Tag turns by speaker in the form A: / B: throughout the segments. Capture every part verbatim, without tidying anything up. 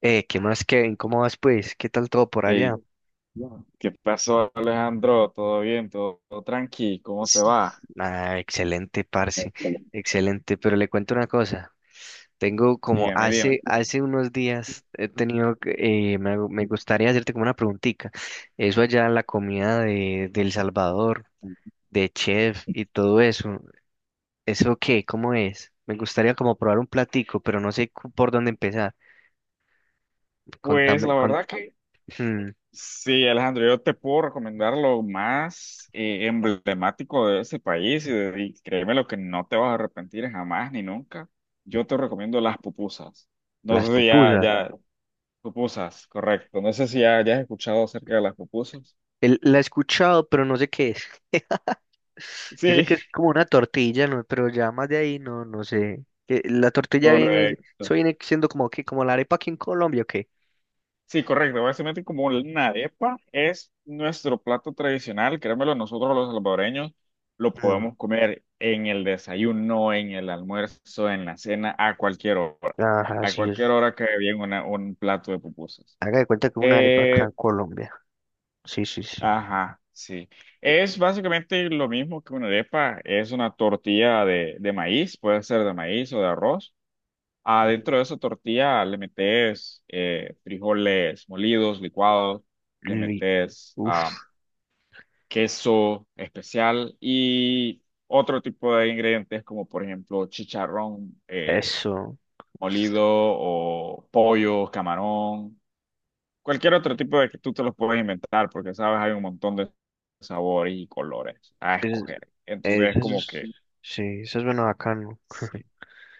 A: Eh, ¿qué más, Kevin? ¿Cómo vas, pues? ¿Qué tal todo por
B: Hey.
A: allá?
B: Ya. ¿Qué pasó, Alejandro? ¿Todo bien? ¿Todo, todo tranqui? ¿Cómo te
A: Sí.
B: va?
A: Ah, excelente, parce. Excelente. Pero le cuento una cosa. Tengo como
B: Dígame, dígame.
A: hace, hace unos días he tenido, que- eh, me, hago- me gustaría hacerte como una preguntita. Eso allá, la comida de, de El Salvador, de chef y todo eso. ¿Eso qué? ¿Cómo es? Me gustaría como probar un platico, pero no sé cu- por dónde empezar.
B: Pues la
A: Contame, con,
B: verdad que
A: hmm,
B: sí, Alejandro, yo te puedo recomendar lo más eh, emblemático de ese país y, de- y créeme lo que no te vas a arrepentir jamás ni nunca. Yo te recomiendo las pupusas. No
A: las
B: sé si ya,
A: pupusas.
B: ya, pupusas, correcto. No sé si ya, ya has escuchado acerca de las pupusas.
A: El- la he escuchado, pero no sé qué es. Yo sé
B: Sí,
A: que es como una tortilla, ¿no? Pero ya más de ahí no, no sé. Que la tortilla viene,
B: correcto.
A: eso viene siendo como que, como la arepa aquí en Colombia, ¿o qué?
B: Sí, correcto. Básicamente como una arepa es nuestro plato tradicional, créemelo, nosotros los salvadoreños lo
A: Mm,
B: podemos comer en el desayuno, en el almuerzo, en la cena, a cualquier hora.
A: Ajá,
B: A
A: sí
B: cualquier
A: es.
B: hora cae bien una- un plato de pupusas.
A: Haga de cuenta que una arepa acá
B: Eh,
A: en Colombia. Sí, sí, sí.
B: ajá, sí. Es básicamente lo mismo que una arepa, es una tortilla de, de maíz, puede ser de maíz o de arroz.
A: Ujú.
B: Adentro de esa tortilla le metes eh, frijoles molidos, licuados, le
A: Li-
B: metes
A: Uf,
B: ah, queso especial y otro tipo de ingredientes como por ejemplo chicharrón eh,
A: eso.
B: molido o pollo, camarón, cualquier otro tipo de que tú te los puedes inventar porque sabes hay un montón de sabores y colores a
A: Es,
B: escoger. Entonces
A: es,
B: es
A: eso
B: como
A: es-
B: que
A: sí, eso es bueno bacano.
B: sí.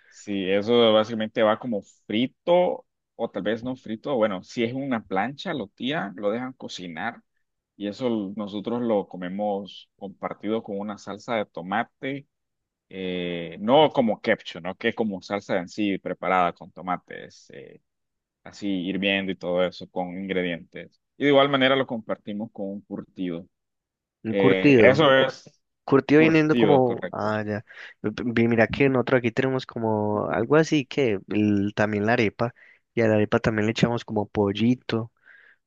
B: Sí, eso básicamente va como frito o tal vez no frito. Bueno, si es una plancha, lo tiran, lo dejan cocinar y eso l- nosotros lo comemos compartido con una salsa de tomate, eh, no como ketchup, ¿no? Que es como salsa en sí preparada con tomates, eh, así hirviendo y todo eso con ingredientes. Y de igual manera lo compartimos con un curtido.
A: Un
B: Eh,
A: curtido.
B: eso es
A: Curtido viniendo
B: curtido,
A: como,
B: correcto.
A: ah, ya. P- p- Mira que nosotros aquí tenemos como algo así que el- también la arepa, y a la arepa también le echamos como pollito,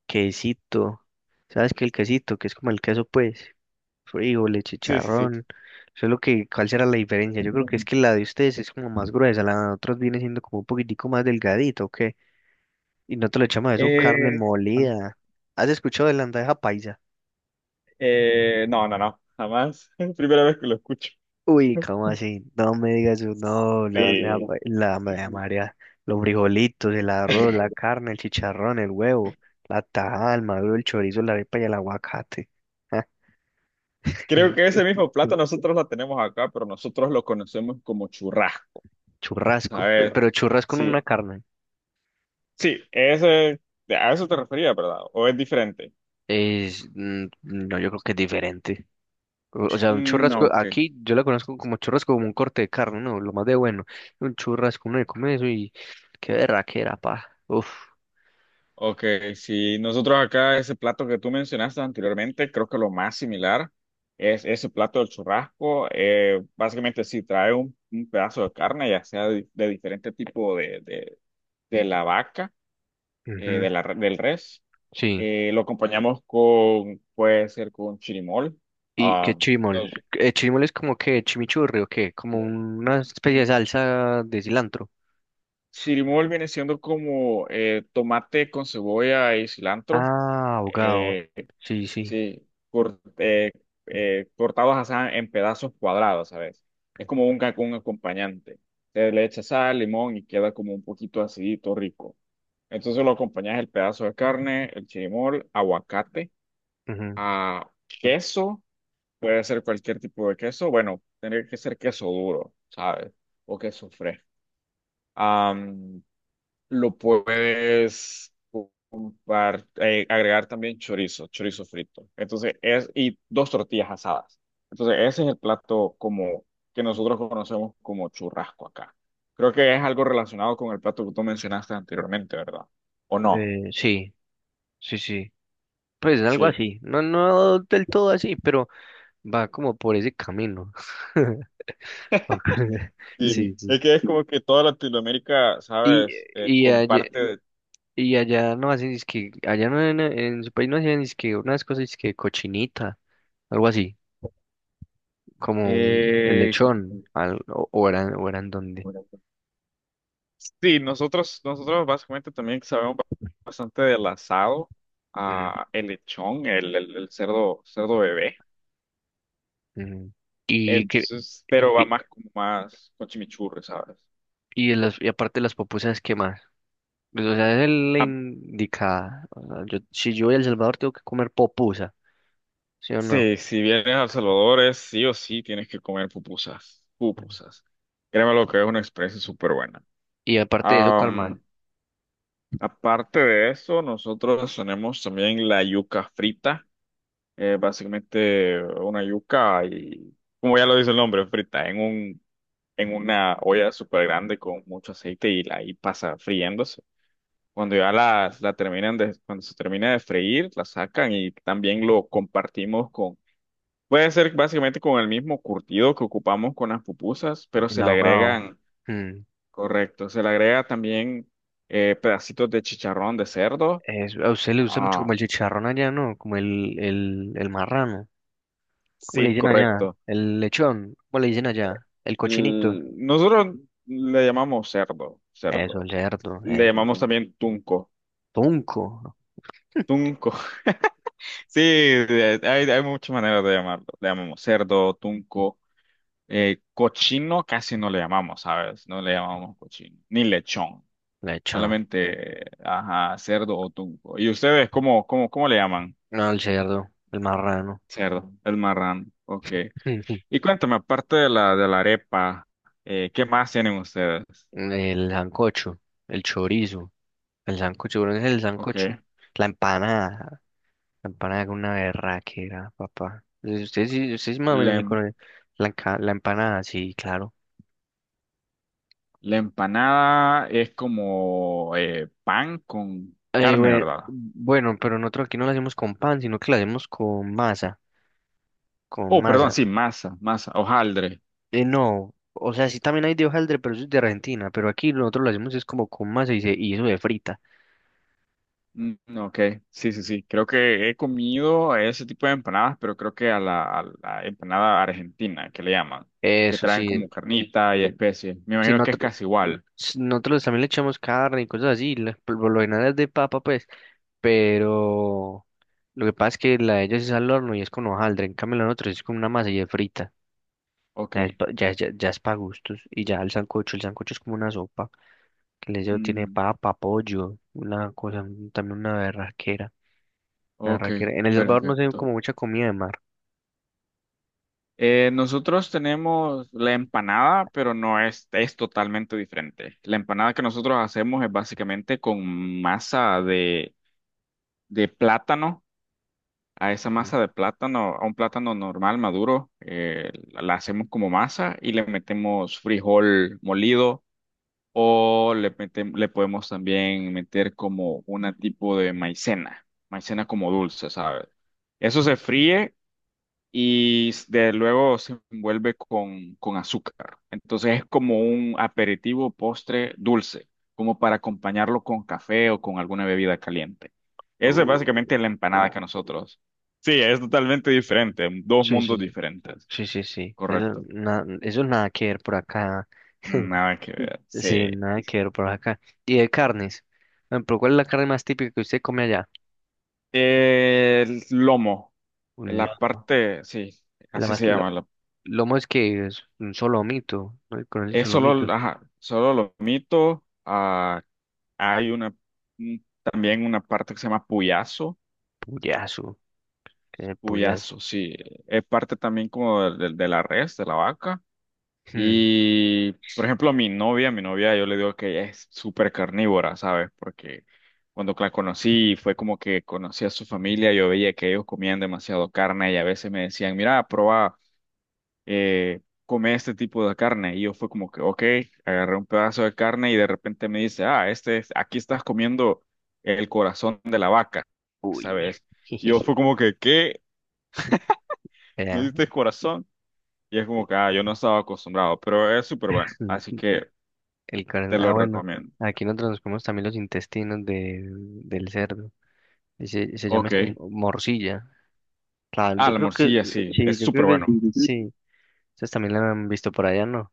A: quesito. ¿Sabes qué? El quesito, que es como el queso, pues. Frijoles,
B: Sí, sí, sí.
A: chicharrón. Solo que, ¿cuál será la diferencia? Yo creo que es que la de ustedes es como más gruesa, la de nosotros viene siendo como un poquitico más delgadito, ¿ok? Y no te lo echamos a eso
B: Eh,
A: carne molida. ¿Has escuchado de la bandeja paisa?
B: Eh, no, no, no, jamás. Es la primera vez que lo escucho.
A: Uy, ¿cómo así? No me digas eso, no, la bandeja
B: Sí.
A: paisa, la bandeja María, los frijolitos, el arroz, la carne, el chicharrón, el huevo, la tajada, el maduro, el chorizo, la arepa y el aguacate.
B: Creo que ese mismo plato nosotros lo tenemos acá, pero nosotros lo conocemos como churrasco. A
A: Churrasco, pe-
B: ver,
A: pero churrasco en una
B: sí,
A: carne.
B: sí, ese, a eso te refería, ¿verdad? ¿O es diferente?
A: Es, mm, no, yo creo que es diferente. O, o sea, un
B: Mm, no,
A: churrasco,
B: ok,
A: aquí yo la conozco como churrasco, como un corte de carne, ¿no? Lo más de bueno. Un churrasco, uno le come eso y qué berraquera, pa. Uf.
B: ok, sí, nosotros acá ese plato que tú mencionaste anteriormente, creo que lo más similar es ese plato del churrasco. Eh, básicamente sí, trae un, un pedazo de carne, ya sea de, de diferente tipo de, de de la vaca. eh,
A: Ujú,
B: de la, del res.
A: sí.
B: Eh, lo acompañamos con, puede ser con chirimol.
A: ¿Y qué
B: Ah,
A: chimol?
B: nos-
A: ¿El chimol es como que chimichurri o qué? Como una especie de salsa de cilantro.
B: chirimol viene siendo como eh, tomate con cebolla y cilantro.
A: Ah, ahogado.
B: Eh,
A: Sí, sí.
B: sí, cor- eh, eh, cortados así en pedazos cuadrados, ¿sabes? Es como un, ca- un acompañante. Se le echa sal, limón y queda como un poquito acidito, rico. Entonces lo acompañas el pedazo de carne, el chirimol, aguacate,
A: Ujú,
B: a queso. Puede ser cualquier tipo de queso. Bueno, tendría que ser queso duro, ¿sabes? O queso fresco. Am, lo puedes ocupar, eh, agregar también chorizo, chorizo frito. Entonces, es, y dos tortillas asadas. Entonces, ese es el plato como que nosotros conocemos como churrasco acá. Creo que es algo relacionado con el plato que tú mencionaste anteriormente, ¿verdad? ¿O no?
A: eh, sí, sí, sí. Pues algo
B: Sí.
A: así. No, no del todo así, pero va como por ese camino. Sí,
B: Sí.
A: sí.
B: Es que es como que toda Latinoamérica,
A: Y,
B: ¿sabes? Eh,
A: y, allá,
B: comparte
A: y allá no hacen, es que, allá no en, en su país no hacían, es que unas cosas, es que cochinita, algo así, como un- el
B: eh,
A: lechón, al- o, o eran, o eran donde.
B: sí, nosotros, nosotros básicamente también sabemos bastante del asado,
A: Ujú,
B: ah, el lechón, el, el, el cerdo, cerdo bebé.
A: ujú. Y que,
B: Entonces, pero va
A: y,
B: más como más con chimichurri, ¿sabes?
A: y, de las, y aparte de las pupusas, ¿qué más? Pues, o sea, es la
B: Ah,
A: indicada. O sea, yo, si yo voy a El Salvador tengo que comer popusa, ¿sí o no?
B: sí, si vienes a El Salvador, es sí o sí tienes que comer pupusas,
A: Ujú.
B: pupusas. Créeme lo que es una experiencia súper buena.
A: Y aparte de eso, ¿cuál más?
B: Am, aparte de eso, nosotros tenemos también la yuca frita, eh, básicamente una yuca y como ya lo dice el nombre, frita en un en una olla súper grande con mucho aceite y la ahí pasa friéndose. Cuando ya la, la terminan de, cuando se termina de freír, la sacan y también lo compartimos con, puede ser básicamente con el mismo curtido que ocupamos con las pupusas, pero
A: El
B: se le
A: ahogado.
B: agregan,
A: Mm.
B: correcto, se le agrega también eh, pedacitos de chicharrón de cerdo.
A: Es- a usted le gusta mucho como
B: Ah,
A: el chicharrón allá, ¿no? Como el, el, el marrano. ¿Cómo le
B: sí,
A: dicen allá?
B: correcto.
A: El lechón. ¿Cómo le dicen
B: Eh,
A: allá? El cochinito.
B: L- Nosotros le llamamos cerdo,
A: Eso,
B: cerdo.
A: el cerdo.
B: Le
A: Eso.
B: llamamos también tunco.
A: Tunco.
B: Tunco. Sí, eh, hay, hay muchas maneras de llamarlo. Le llamamos cerdo, tunco. Eh, cochino casi no le llamamos, ¿sabes? No le llamamos cochino, ni lechón.
A: Lechón.
B: Solamente, ajá, cerdo o tunco. ¿Y ustedes cómo, cómo, cómo le llaman?
A: No, el cerdo. El marrano.
B: Cerdo, el marrán. Ok. Y cuéntame, aparte de la, de la arepa, eh, ¿qué más tienen ustedes?
A: El sancocho. El chorizo. El sancocho. No es el sancocho.
B: Ok.
A: La empanada. La empanada con una berraquera, papá. Usted sí, ustedes sí más o menos
B: La,
A: sí
B: em-
A: conoce la, enca- la empanada, sí, claro.
B: la empanada es como eh, pan con
A: Eh,
B: carne,
A: bue-
B: ¿verdad?
A: bueno, pero nosotros aquí no la hacemos con pan, sino que la hacemos con masa, con
B: Oh, perdón,
A: masa.
B: sí, masa, masa, hojaldre.
A: Eh, no, o sea, sí también hay de hojaldre, pero eso es de Argentina, pero aquí nosotros lo hacemos es como con masa y, se, y eso de frita.
B: Mm, ok, sí, sí, sí. Creo que he comido ese tipo de empanadas, pero creo que a la, a la empanada argentina, que le llaman, que
A: Eso
B: traen
A: sí,
B: como carnita y especies. Me
A: si
B: imagino que es
A: nosotros,
B: casi igual.
A: si nosotros también le echamos carne y cosas así, la- por lo general es de papa, pues, pero lo que pasa es que la de ellos es al horno y es con hojaldre, en cambio la de nosotros es con una masa y de frita.
B: Ok,
A: Ya es, pa- ya, ya, ya es para gustos. Y ya el sancocho, el sancocho es como una sopa. Que le llevo- tiene
B: mm,
A: papa, pollo, una cosa, un- también una berraquera. Una
B: ok,
A: berraquera. En El Salvador no se ve
B: perfecto.
A: como mucha comida de mar.
B: Eh, nosotros tenemos la empanada, pero no es, es totalmente diferente. La empanada que nosotros hacemos es básicamente con masa de, de plátano a esa
A: Mm.
B: masa de plátano, a un plátano normal maduro, eh, la la hacemos como masa y le metemos frijol molido o le metem- le podemos también meter como una tipo de maicena, maicena como dulce, ¿sabes? Eso se fríe y de luego se envuelve con, con azúcar. Entonces es como un aperitivo, postre dulce, como para acompañarlo con café o con alguna bebida caliente. Eso es
A: Uh,
B: básicamente la empanada que nosotros. Sí, es totalmente diferente, dos
A: sí, sí,
B: mundos
A: sí.
B: diferentes.
A: Sí, sí, sí. Eso,
B: Correcto.
A: na- eso nada que ver por acá.
B: Nada que ver.
A: Sí,
B: Sí.
A: nada que ver por acá. Y de carnes. Por ejemplo, ¿cuál es la carne más típica que usted come allá?
B: El lomo,
A: Un
B: la
A: lomo.
B: parte, sí,
A: La
B: así
A: más,
B: se
A: la-
B: llama. la-
A: lomo es que es un solomito. ¿No? ¿Conoce el
B: es
A: solomito?
B: solo, ajá, solo lomito, ah, hay una, un- también una parte que se llama puyazo.
A: Puyazo. El puyal.
B: Puyazo, sí. Es parte también como de, de- de la res, de la vaca.
A: Hmm,
B: Y, por ejemplo, mi novia, mi novia, yo le digo que ella es súper carnívora, ¿sabes? Porque cuando la conocí, fue como que conocí a su familia, yo veía que ellos comían demasiado carne y a veces me decían, mira, prueba eh, come este tipo de carne. Y yo fue como que, ok, agarré un pedazo de carne y de repente me dice, ah, este es, aquí estás comiendo el corazón de la vaca,
A: uy.
B: ¿sabes? Y yo fue como que, ¿qué? ¿Me
A: Era
B: diste el corazón? Y es como que, ah, yo no estaba acostumbrado, pero es súper bueno, así que
A: el corazón.
B: te
A: Ah,
B: lo
A: bueno.
B: recomiendo.
A: Aquí nosotros nos comemos también los intestinos de, del cerdo. Y se, se llama
B: Ok.
A: es que morcilla. Claro,
B: Ah,
A: yo
B: la
A: creo que
B: morcilla, sí,
A: sí,
B: es
A: yo creo
B: súper
A: que
B: bueno.
A: sí. Ustedes también la han visto por allá, ¿no?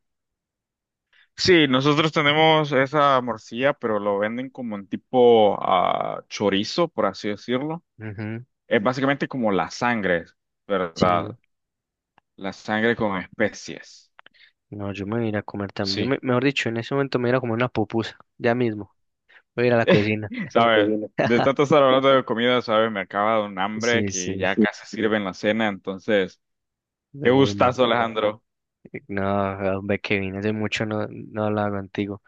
B: Sí, nosotros tenemos esa morcilla, pero lo venden como en tipo ah, chorizo, por así decirlo.
A: Ujú,
B: Es básicamente como la sangre, ¿verdad?
A: sí.
B: La sangre con especies.
A: No, yo me voy a ir a comer también. Yo
B: Sí.
A: me, mejor dicho, en ese momento me voy a ir a comer una pupusa. Ya mismo. Voy a ir a la
B: Eso
A: cocina.
B: que, ¿sabes? Viene. De tanto estar hablando de comida, ¿sabes? Me acaba de dar un hambre
A: Sí,
B: que
A: sí,
B: ya. Sí, casi sirven la cena. Entonces, qué
A: de una.
B: gustazo, Alejandro.
A: No, hombre, Kevin, hace mucho no, no hablaba contigo.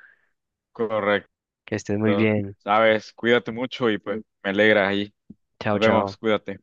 B: Correcto.
A: Que estés muy bien.
B: ¿Sabes? Cuídate mucho y pues me alegra ahí.
A: Chao,
B: Nos
A: chao.
B: vemos. Cuídate.